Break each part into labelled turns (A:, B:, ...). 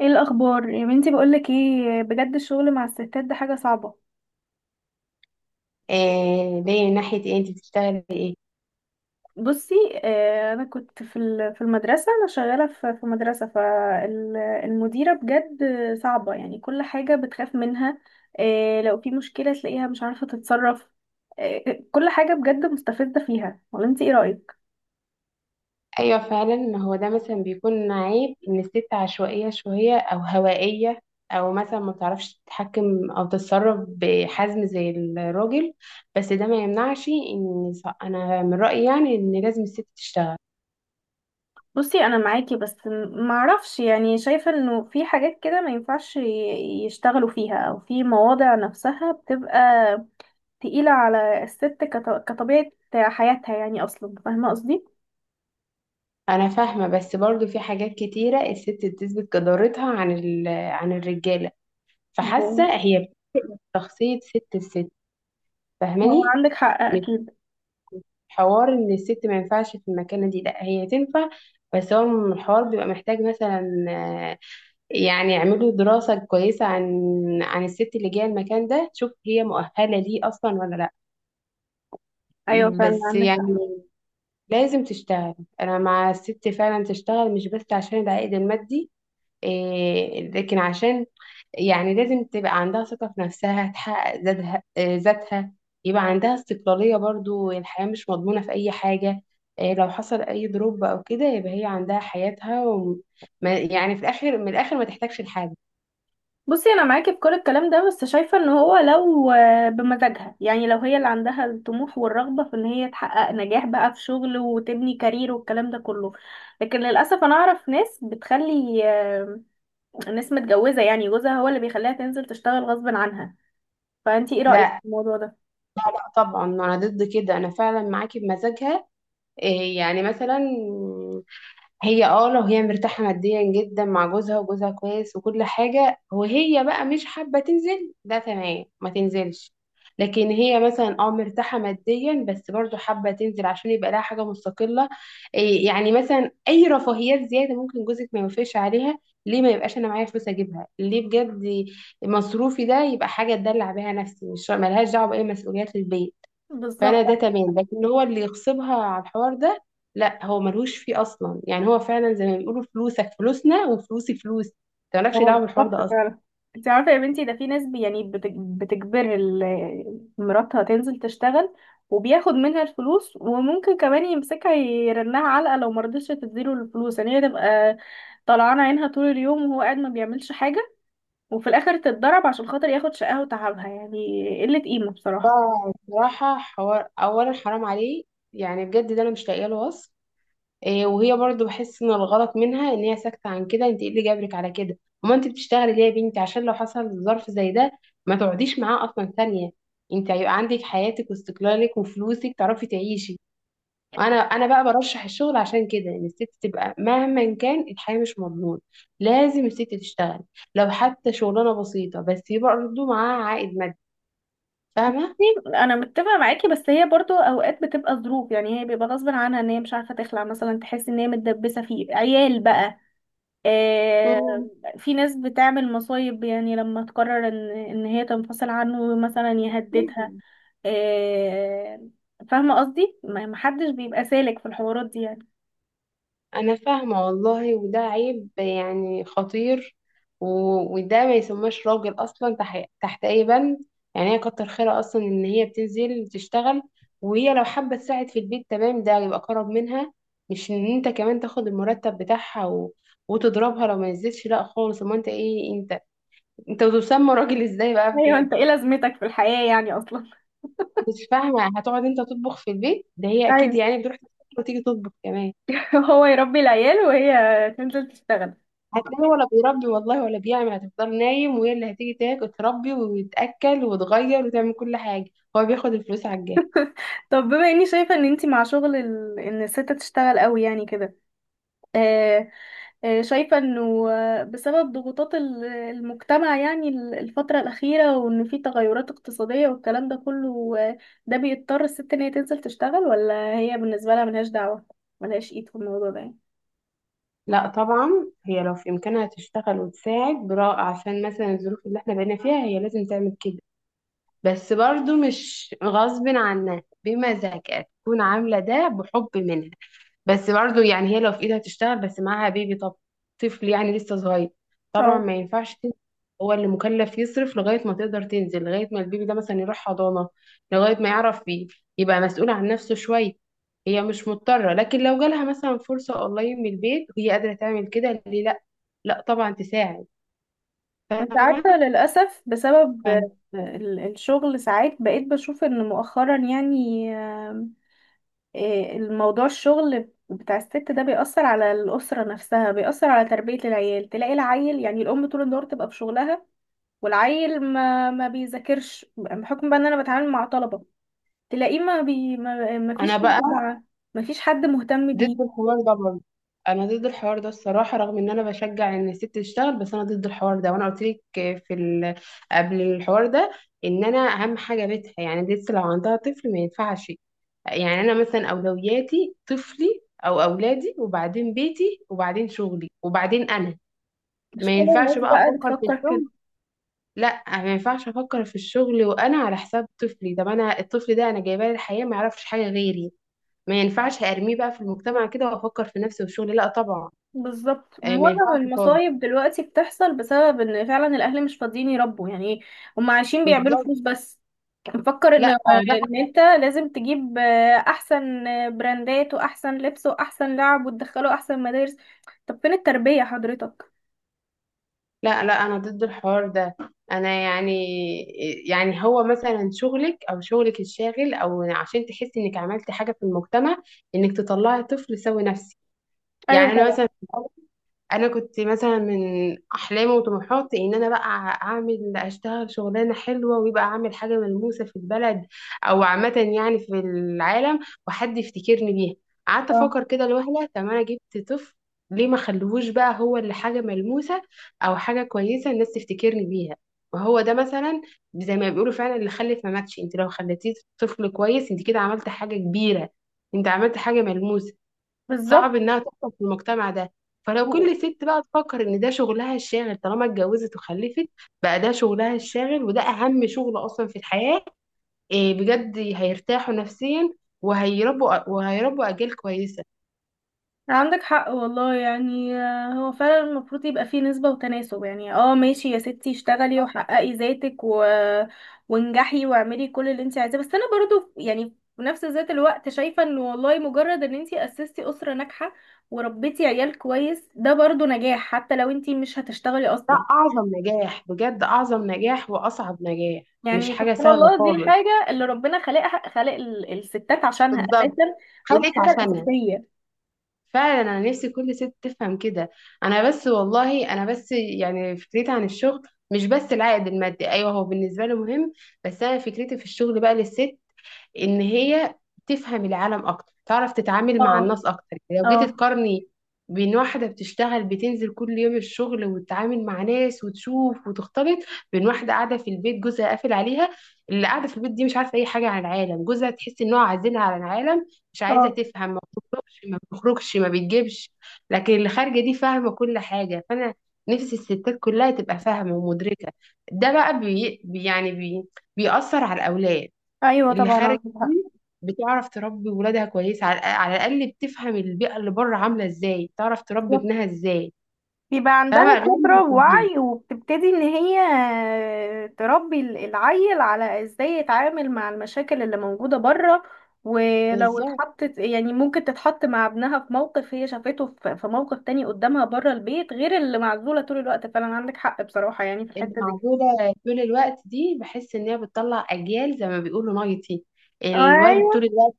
A: ايه الاخبار يا بنتي؟ بقولك ايه، بجد الشغل مع الستات ده حاجه صعبه.
B: آه، ليه؟ ناحية ايه؟ انت بتشتغلي ايه؟
A: بصي، انا كنت في المدرسه، انا شغاله في مدرسه، فالمديره بجد صعبه، يعني كل حاجه بتخاف منها. لو في مشكله تلاقيها مش عارفه تتصرف. كل حاجه بجد مستفزه فيها، ولا انت ايه رايك؟
B: ايوه فعلا، هو ده مثلا بيكون عيب ان الست عشوائية شوية او هوائية، او مثلا ما بتعرفش تتحكم او تتصرف بحزم زي الراجل. بس ده ما يمنعش ان انا من رأيي يعني ان لازم الست تشتغل.
A: بصي، انا معاكي بس معرفش، يعني شايفه انه في حاجات كده ما ينفعش يشتغلوا فيها، او في مواضع نفسها بتبقى تقيلة على الست كطبيعة حياتها، يعني أصلا فاهمة قصدي؟
B: انا فاهمة، بس برضو في حاجات كتيرة الست بتثبت جدارتها عن عن الرجالة. فحاسة
A: هو
B: هي شخصية ست الست،
A: هو
B: فاهماني؟
A: عندك حق أكيد.
B: حوار ان الست ما ينفعش في المكانه دي، لا هي تنفع. بس هو الحوار بيبقى محتاج مثلا يعني يعملوا دراسه كويسه عن عن الست اللي جايه المكان ده، تشوف هي مؤهله ليه اصلا ولا لا.
A: أيوة فعلا
B: بس
A: عندك
B: يعني
A: حق.
B: لازم تشتغل. انا مع الست فعلا تشتغل، مش بس عشان العائد المادي، إيه، لكن عشان يعني لازم تبقى عندها ثقة في نفسها، تحقق ذاتها ذاتها. يبقى عندها استقلالية برضو، الحياة مش مضمونة في أي حاجة. آه، لو حصل أي دروب أو كده يبقى هي عندها حياتها، وما يعني في الآخر، من الآخر ما تحتاجش لحاجة.
A: بصي، أنا معاكي في كل الكلام ده، بس شايفة إن هو لو بمزاجها، يعني لو هي اللي عندها الطموح والرغبة في إن هي تحقق نجاح بقى في شغل، وتبني كارير والكلام ده كله. لكن للأسف أنا أعرف ناس بتخلي، ناس متجوزة، يعني جوزها هو اللي بيخليها تنزل تشتغل غصب عنها. فأنتي إيه رأيك
B: لا.
A: في الموضوع ده؟
B: لا طبعا، أنا ضد كده. أنا فعلا معاكي بمزاجها. آه، يعني مثلا هي اه لو هي مرتاحة ماديا جدا مع جوزها، وجوزها كويس وكل حاجة، وهي بقى مش حابة تنزل، ده تمام ما تنزلش. لكن هي مثلا اه مرتاحة ماديا بس برضو حابة تنزل عشان يبقى لها حاجة مستقلة، إيه يعني مثلا أي رفاهيات زيادة ممكن جوزك ما يوافقش عليها، ليه ما يبقاش أنا معايا فلوس أجيبها ليه بجد؟ مصروفي ده يبقى حاجة أدلع بيها نفسي، مش ملهاش دعوة بأي مسؤوليات البيت.
A: بالظبط.
B: فانا ده تمام، لكن هو اللي يغصبها على الحوار ده لا، هو ملهوش فيه اصلا. يعني هو فعلا زي ما بيقولوا، فلوسك فلوسنا وفلوسي فلوسي، انت مالكش
A: هو
B: دعوه بالحوار ده
A: بالظبط
B: اصلا.
A: فعلا. انت عارفه يا بنتي، ده في ناس يعني بتجبر مراتها تنزل تشتغل، وبياخد منها الفلوس، وممكن كمان يمسكها يرنها علقه لو مرضتش تديله الفلوس، يعني هي تبقى طلعانه عينها طول اليوم وهو قاعد ما بيعملش حاجه. وفي الاخر تتضرب عشان خاطر ياخد شقاها وتعبها، يعني قله قيمه بصراحه.
B: فبصراحه حوار اولا حرام عليه، يعني بجد ده انا مش لاقيه له وصف. إيه، وهي برضو بحس ان الغلط منها، ان هي ساكته عن كده. انت ايه اللي جابرك على كده؟ وما انت بتشتغلي ليه يا بنتي؟ عشان لو حصل ظرف زي ده ما تقعديش معاه اصلا ثانيه. انت هيبقى عندك حياتك واستقلالك وفلوسك، تعرفي تعيشي. انا بقى برشح الشغل عشان كده، ان الست تبقى مهما كان الحياه مش مضمون، لازم الست تشتغل. لو حتى شغلانه بسيطه، بس يبقى برضه معاها عائد مادي، فاهمه؟
A: انا متفقه معاكي، بس هي برضو اوقات بتبقى ظروف، يعني هي بيبقى غصب عنها ان هي مش عارفه تخلع مثلا، تحس ان هي متدبسه فيه عيال بقى. آه، في ناس بتعمل مصايب، يعني لما تقرر ان هي تنفصل عنه مثلا يهددها.
B: مم.
A: آه، فاهمة قصدي؟ محدش بيبقى سالك في الحوارات دي يعني.
B: انا فاهمة والله، وده عيب يعني خطير. وده ما يسماش راجل اصلا تحت اي بند. يعني هي كتر خيرها اصلا ان هي بتنزل تشتغل، وهي لو حابة تساعد في البيت تمام، ده يبقى كرم منها. مش ان انت كمان تاخد المرتب بتاعها وتضربها لو ما نزلتش، لا خالص. امال انت ايه؟ انت انت تسمى راجل ازاي بقى
A: ايوه،
B: بجد؟
A: انت ايه لازمتك في الحياة يعني اصلا؟
B: مش فاهمة، هتقعد انت تطبخ في البيت؟ ده هي اكيد
A: ايوه.
B: يعني بتروح تطبخ وتيجي تطبخ كمان.
A: هو يربي العيال وهي تنزل تشتغل.
B: هتلاقي ولا بيربي والله ولا بيعمل، هتفضل نايم وهي اللي هتيجي تاكل تربي وتأكل وتغير وتعمل كل حاجة، هو بياخد الفلوس على الجاهز.
A: طب بما اني شايفه ان انتي مع شغل ان الست تشتغل قوي يعني كده. آه، شايفة انه بسبب ضغوطات المجتمع، يعني الفترة الأخيرة، وان في تغيرات اقتصادية والكلام ده كله. ده بيضطر الست ان هي تنزل تشتغل، ولا هي بالنسبة لها ملهاش دعوة، ملهاش ايد في الموضوع ده يعني.
B: لا طبعا. هي لو في إمكانها تشتغل وتساعد برا عشان مثلا الظروف اللي احنا بقينا فيها، هي لازم تعمل كده. بس برضو مش غصب عنها، بمزاجها تكون عاملة ده بحب منها. بس برضه يعني هي لو في ايدها تشتغل، بس معاها بيبي، طب طفل يعني لسه صغير، طبعا
A: اه.
B: ما ينفعش تنزل. هو اللي مكلف يصرف لغاية ما تقدر تنزل، لغاية ما البيبي ده مثلا يروح حضانة، لغاية ما يعرف بيه، يبقى مسؤول عن نفسه شوية. هي مش مضطرة، لكن لو جالها مثلا فرصة اونلاين من البيت وهي قادرة تعمل كده، ليه لا؟ لا طبعا تساعد.
A: انت
B: فاهمة؟
A: عارفة للأسف، بسبب
B: فاهمة.
A: الشغل ساعات بقيت بشوف ان مؤخرا يعني. الموضوع، الشغل بتاع الست ده بيأثر على الأسرة نفسها، بيأثر على تربية العيال، تلاقي العيل، يعني الأم طول النهار تبقى في شغلها. والعيل ما بيذاكرش بحكم بقى ان انا بتعامل مع طلبة. تلاقيه ما فيش
B: انا بقى
A: متابعة. ما فيش حد مهتم
B: ضد
A: بيه.
B: الحوار ده برضه. انا ضد الحوار ده الصراحه، رغم ان انا بشجع ان الست تشتغل، بس انا ضد الحوار ده. وانا قلت لك في قبل الحوار ده ان انا اهم حاجه بيتها، يعني لسه لو عندها طفل ما ينفعش. يعني انا مثلا اولوياتي طفلي او اولادي، وبعدين بيتي، وبعدين شغلي، وبعدين انا. ما
A: مش كل
B: ينفعش
A: الناس
B: بقى
A: بقى
B: افكر في
A: بتفكر كده.
B: الشغل. لا، ما ينفعش افكر في الشغل وانا على حساب طفلي. طب انا الطفل ده انا جايباه للحياه، ما يعرفش حاجه غيري، ما ينفعش ارميه بقى في المجتمع كده وافكر في نفسي والشغل، لا طبعا.
A: بالظبط.
B: آه، ما
A: ومعظم
B: ينفعش خالص.
A: المصايب دلوقتي بتحصل بسبب ان فعلا الاهل مش فاضيين يربوا يعني. هم عايشين بيعملوا
B: بالظبط.
A: فلوس بس. مفكر ان
B: لا آه، ده
A: ان انت لازم تجيب احسن براندات، واحسن لبس، واحسن لعب، وتدخله احسن مدارس. طب فين التربية حضرتك؟
B: لا انا ضد الحوار ده. انا يعني يعني هو مثلا شغلك او شغلك الشاغل او عشان تحسي انك عملتي حاجه في المجتمع، انك تطلعي طفل سوي نفسي.
A: ايوه
B: يعني انا
A: طبعا.
B: مثلا انا كنت مثلا من احلامي وطموحاتي ان انا بقى اعمل اشتغل شغلانه حلوه، ويبقى اعمل حاجه ملموسه في البلد او عامه يعني في العالم، وحد يفتكرني بيها. قعدت
A: اه.
B: افكر كده لوهله، طب انا جبت طفل، ليه ما خلوهوش بقى هو اللي حاجه ملموسه او حاجه كويسه الناس تفتكرني بيها؟ وهو ده مثلا زي ما بيقولوا فعلا، اللي خلف ما ماتش. انت لو خليتيه طفل كويس انت كده عملت حاجه كبيره، انت عملت حاجه ملموسه. صعب
A: بالظبط،
B: انها تحصل في المجتمع ده. فلو كل ست بقى تفكر ان ده شغلها الشاغل، طالما اتجوزت وخلفت بقى ده شغلها الشاغل، وده اهم شغل اصلا في الحياة، إيه بجد، هيرتاحوا نفسيا وهيربوا، وهيربوا اجيال كويسة.
A: عندك حق والله. يعني هو فعلا المفروض يبقى فيه نسبة وتناسب، يعني اه ماشي يا ستي، اشتغلي وحققي ذاتك وانجحي واعملي كل اللي انت عايزاه، بس انا برضو يعني في نفس ذات الوقت شايفة ان والله مجرد ان انت اسستي اسرة ناجحة وربيتي عيال كويس ده برضو نجاح، حتى لو انت مش هتشتغلي
B: ده
A: اصلا.
B: اعظم نجاح بجد، اعظم نجاح واصعب نجاح. مش
A: يعني
B: حاجة
A: سبحان
B: سهلة
A: الله، دي
B: خالص.
A: الحاجة اللي ربنا خلقها، خلق الستات عشانها
B: بالظبط،
A: اساسا. ودي
B: خلقت
A: الحاجة
B: عشانها.
A: الاساسية.
B: فعلا انا نفسي كل ست تفهم كده. انا بس والله، انا بس يعني فكرتي عن الشغل مش بس العائد المادي، ايوه هو بالنسبه لي مهم، بس انا فكرتي في الشغل بقى للست ان هي تفهم العالم اكتر، تعرف تتعامل مع
A: اه.
B: الناس اكتر. يعني لو
A: اه.
B: جيت تقارني بين واحدة بتشتغل بتنزل كل يوم الشغل وتتعامل مع ناس وتشوف وتختلط، بين واحدة قاعدة في البيت جوزها قافل عليها، اللي قاعدة في البيت دي مش عارفة أي حاجة عن العالم، جوزها تحس إن هو عازلها عن العالم، مش عايزة
A: اه.
B: تفهم، ما بتخرجش ما بتخرجش ما بتجيبش. لكن اللي خارجة دي فاهمة كل حاجة. فأنا نفسي الستات كلها تبقى فاهمة ومدركة. ده بقى بي بيأثر على الأولاد.
A: ايوه
B: اللي
A: طبعا
B: خارج
A: عندك
B: دي بتعرف تربي ولادها كويس، على على الاقل بتفهم البيئه اللي بره عامله ازاي، تعرف تربي
A: حق.
B: ابنها ازاي،
A: بيبقى عندها
B: فاهمه؟ غير
A: خبرة
B: اللي في البيت.
A: ووعي، وبتبتدي ان هي تربي العيل على ازاي يتعامل مع المشاكل اللي موجودة بره. ولو
B: بالظبط.
A: اتحطت، يعني ممكن تتحط مع ابنها في موقف هي شافته في موقف تاني قدامها بره البيت، غير اللي معزولة طول الوقت. فعلا عندك حق بصراحة يعني في
B: اللي
A: الحتة دي.
B: موجوده طول الوقت دي بحس ان هي بتطلع اجيال زي ما بيقولوا نايتي، الواد طول
A: ايوه
B: الوقت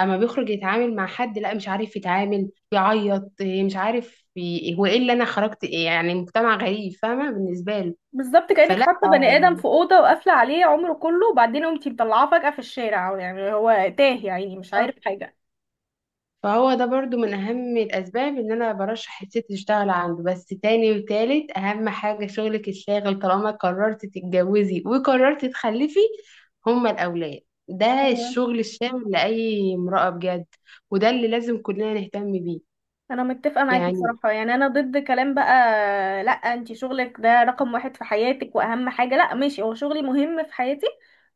B: اما بيخرج يتعامل مع حد لا مش عارف يتعامل، يعيط، إيه مش عارف هو ايه اللي انا خرجت إيه؟ يعني مجتمع غريب فاهمه بالنسبه له.
A: بالظبط. كأنك
B: فلا
A: حاطة بني آدم في أوضة وقافلة عليه عمره كله، وبعدين قمتي مطلعاه فجأة في الشارع، يعني هو تاه، يعني مش
B: آه،
A: عارف حاجة.
B: فهو ده برضو من أهم الأسباب إن أنا برشح الست تشتغل عنده. بس تاني وتالت أهم حاجة شغلك الشاغل طالما قررت تتجوزي وقررت تخلفي، هما الأولاد. ده الشغل الشاغل لأي امرأة بجد، وده اللي لازم كلنا نهتم بيه.
A: انا متفقه معاكي
B: يعني
A: بصراحه، يعني انا ضد كلام بقى. لا، انت شغلك ده رقم واحد في حياتك واهم حاجه؟ لا ماشي، هو شغلي مهم في حياتي.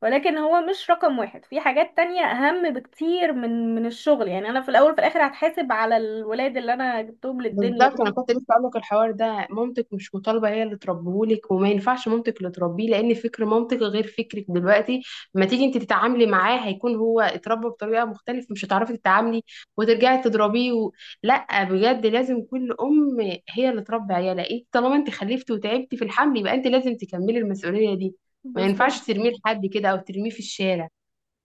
A: ولكن هو مش رقم واحد، في حاجات تانية اهم بكتير من الشغل، يعني انا في الاول وفي الاخر هتحاسب على الولاد اللي انا جبتهم للدنيا
B: بالظبط، انا
A: دول.
B: كنت لسه اقول لك الحوار ده، مامتك مش مطالبه هي اللي تربيهولك، وما ينفعش مامتك اللي تربيه، لان فكر مامتك غير فكرك دلوقتي. لما تيجي انت تتعاملي معاه هيكون هو اتربى بطريقه مختلفه، مش هتعرفي تتعاملي وترجعي تضربيه لا بجد، لازم كل ام هي اللي تربي عيالها. انت طالما انت خلفتي وتعبتي في الحمل، يبقى انت لازم تكملي المسؤوليه دي. ما ينفعش
A: بالظبط.
B: ترميه لحد كده او ترميه في الشارع.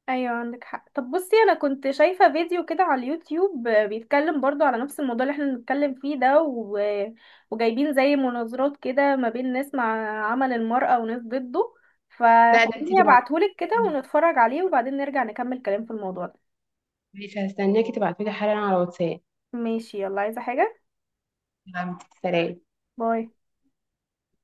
A: ايوه عندك حق. طب بصي، انا كنت شايفه فيديو كده على اليوتيوب، بيتكلم برضو على نفس الموضوع اللي احنا بنتكلم فيه ده وجايبين زي مناظرات كده ما بين ناس مع عمل المرأة وناس ضده.
B: لا، ده انت
A: فخليني
B: تبقى
A: ابعتهولك كده ونتفرج عليه، وبعدين نرجع نكمل كلام في الموضوع ده.
B: ماشي. هستناكي تبعتولي حالا على واتساب.
A: ماشي، يلا عايزه حاجه؟
B: تمام، سلام.
A: باي.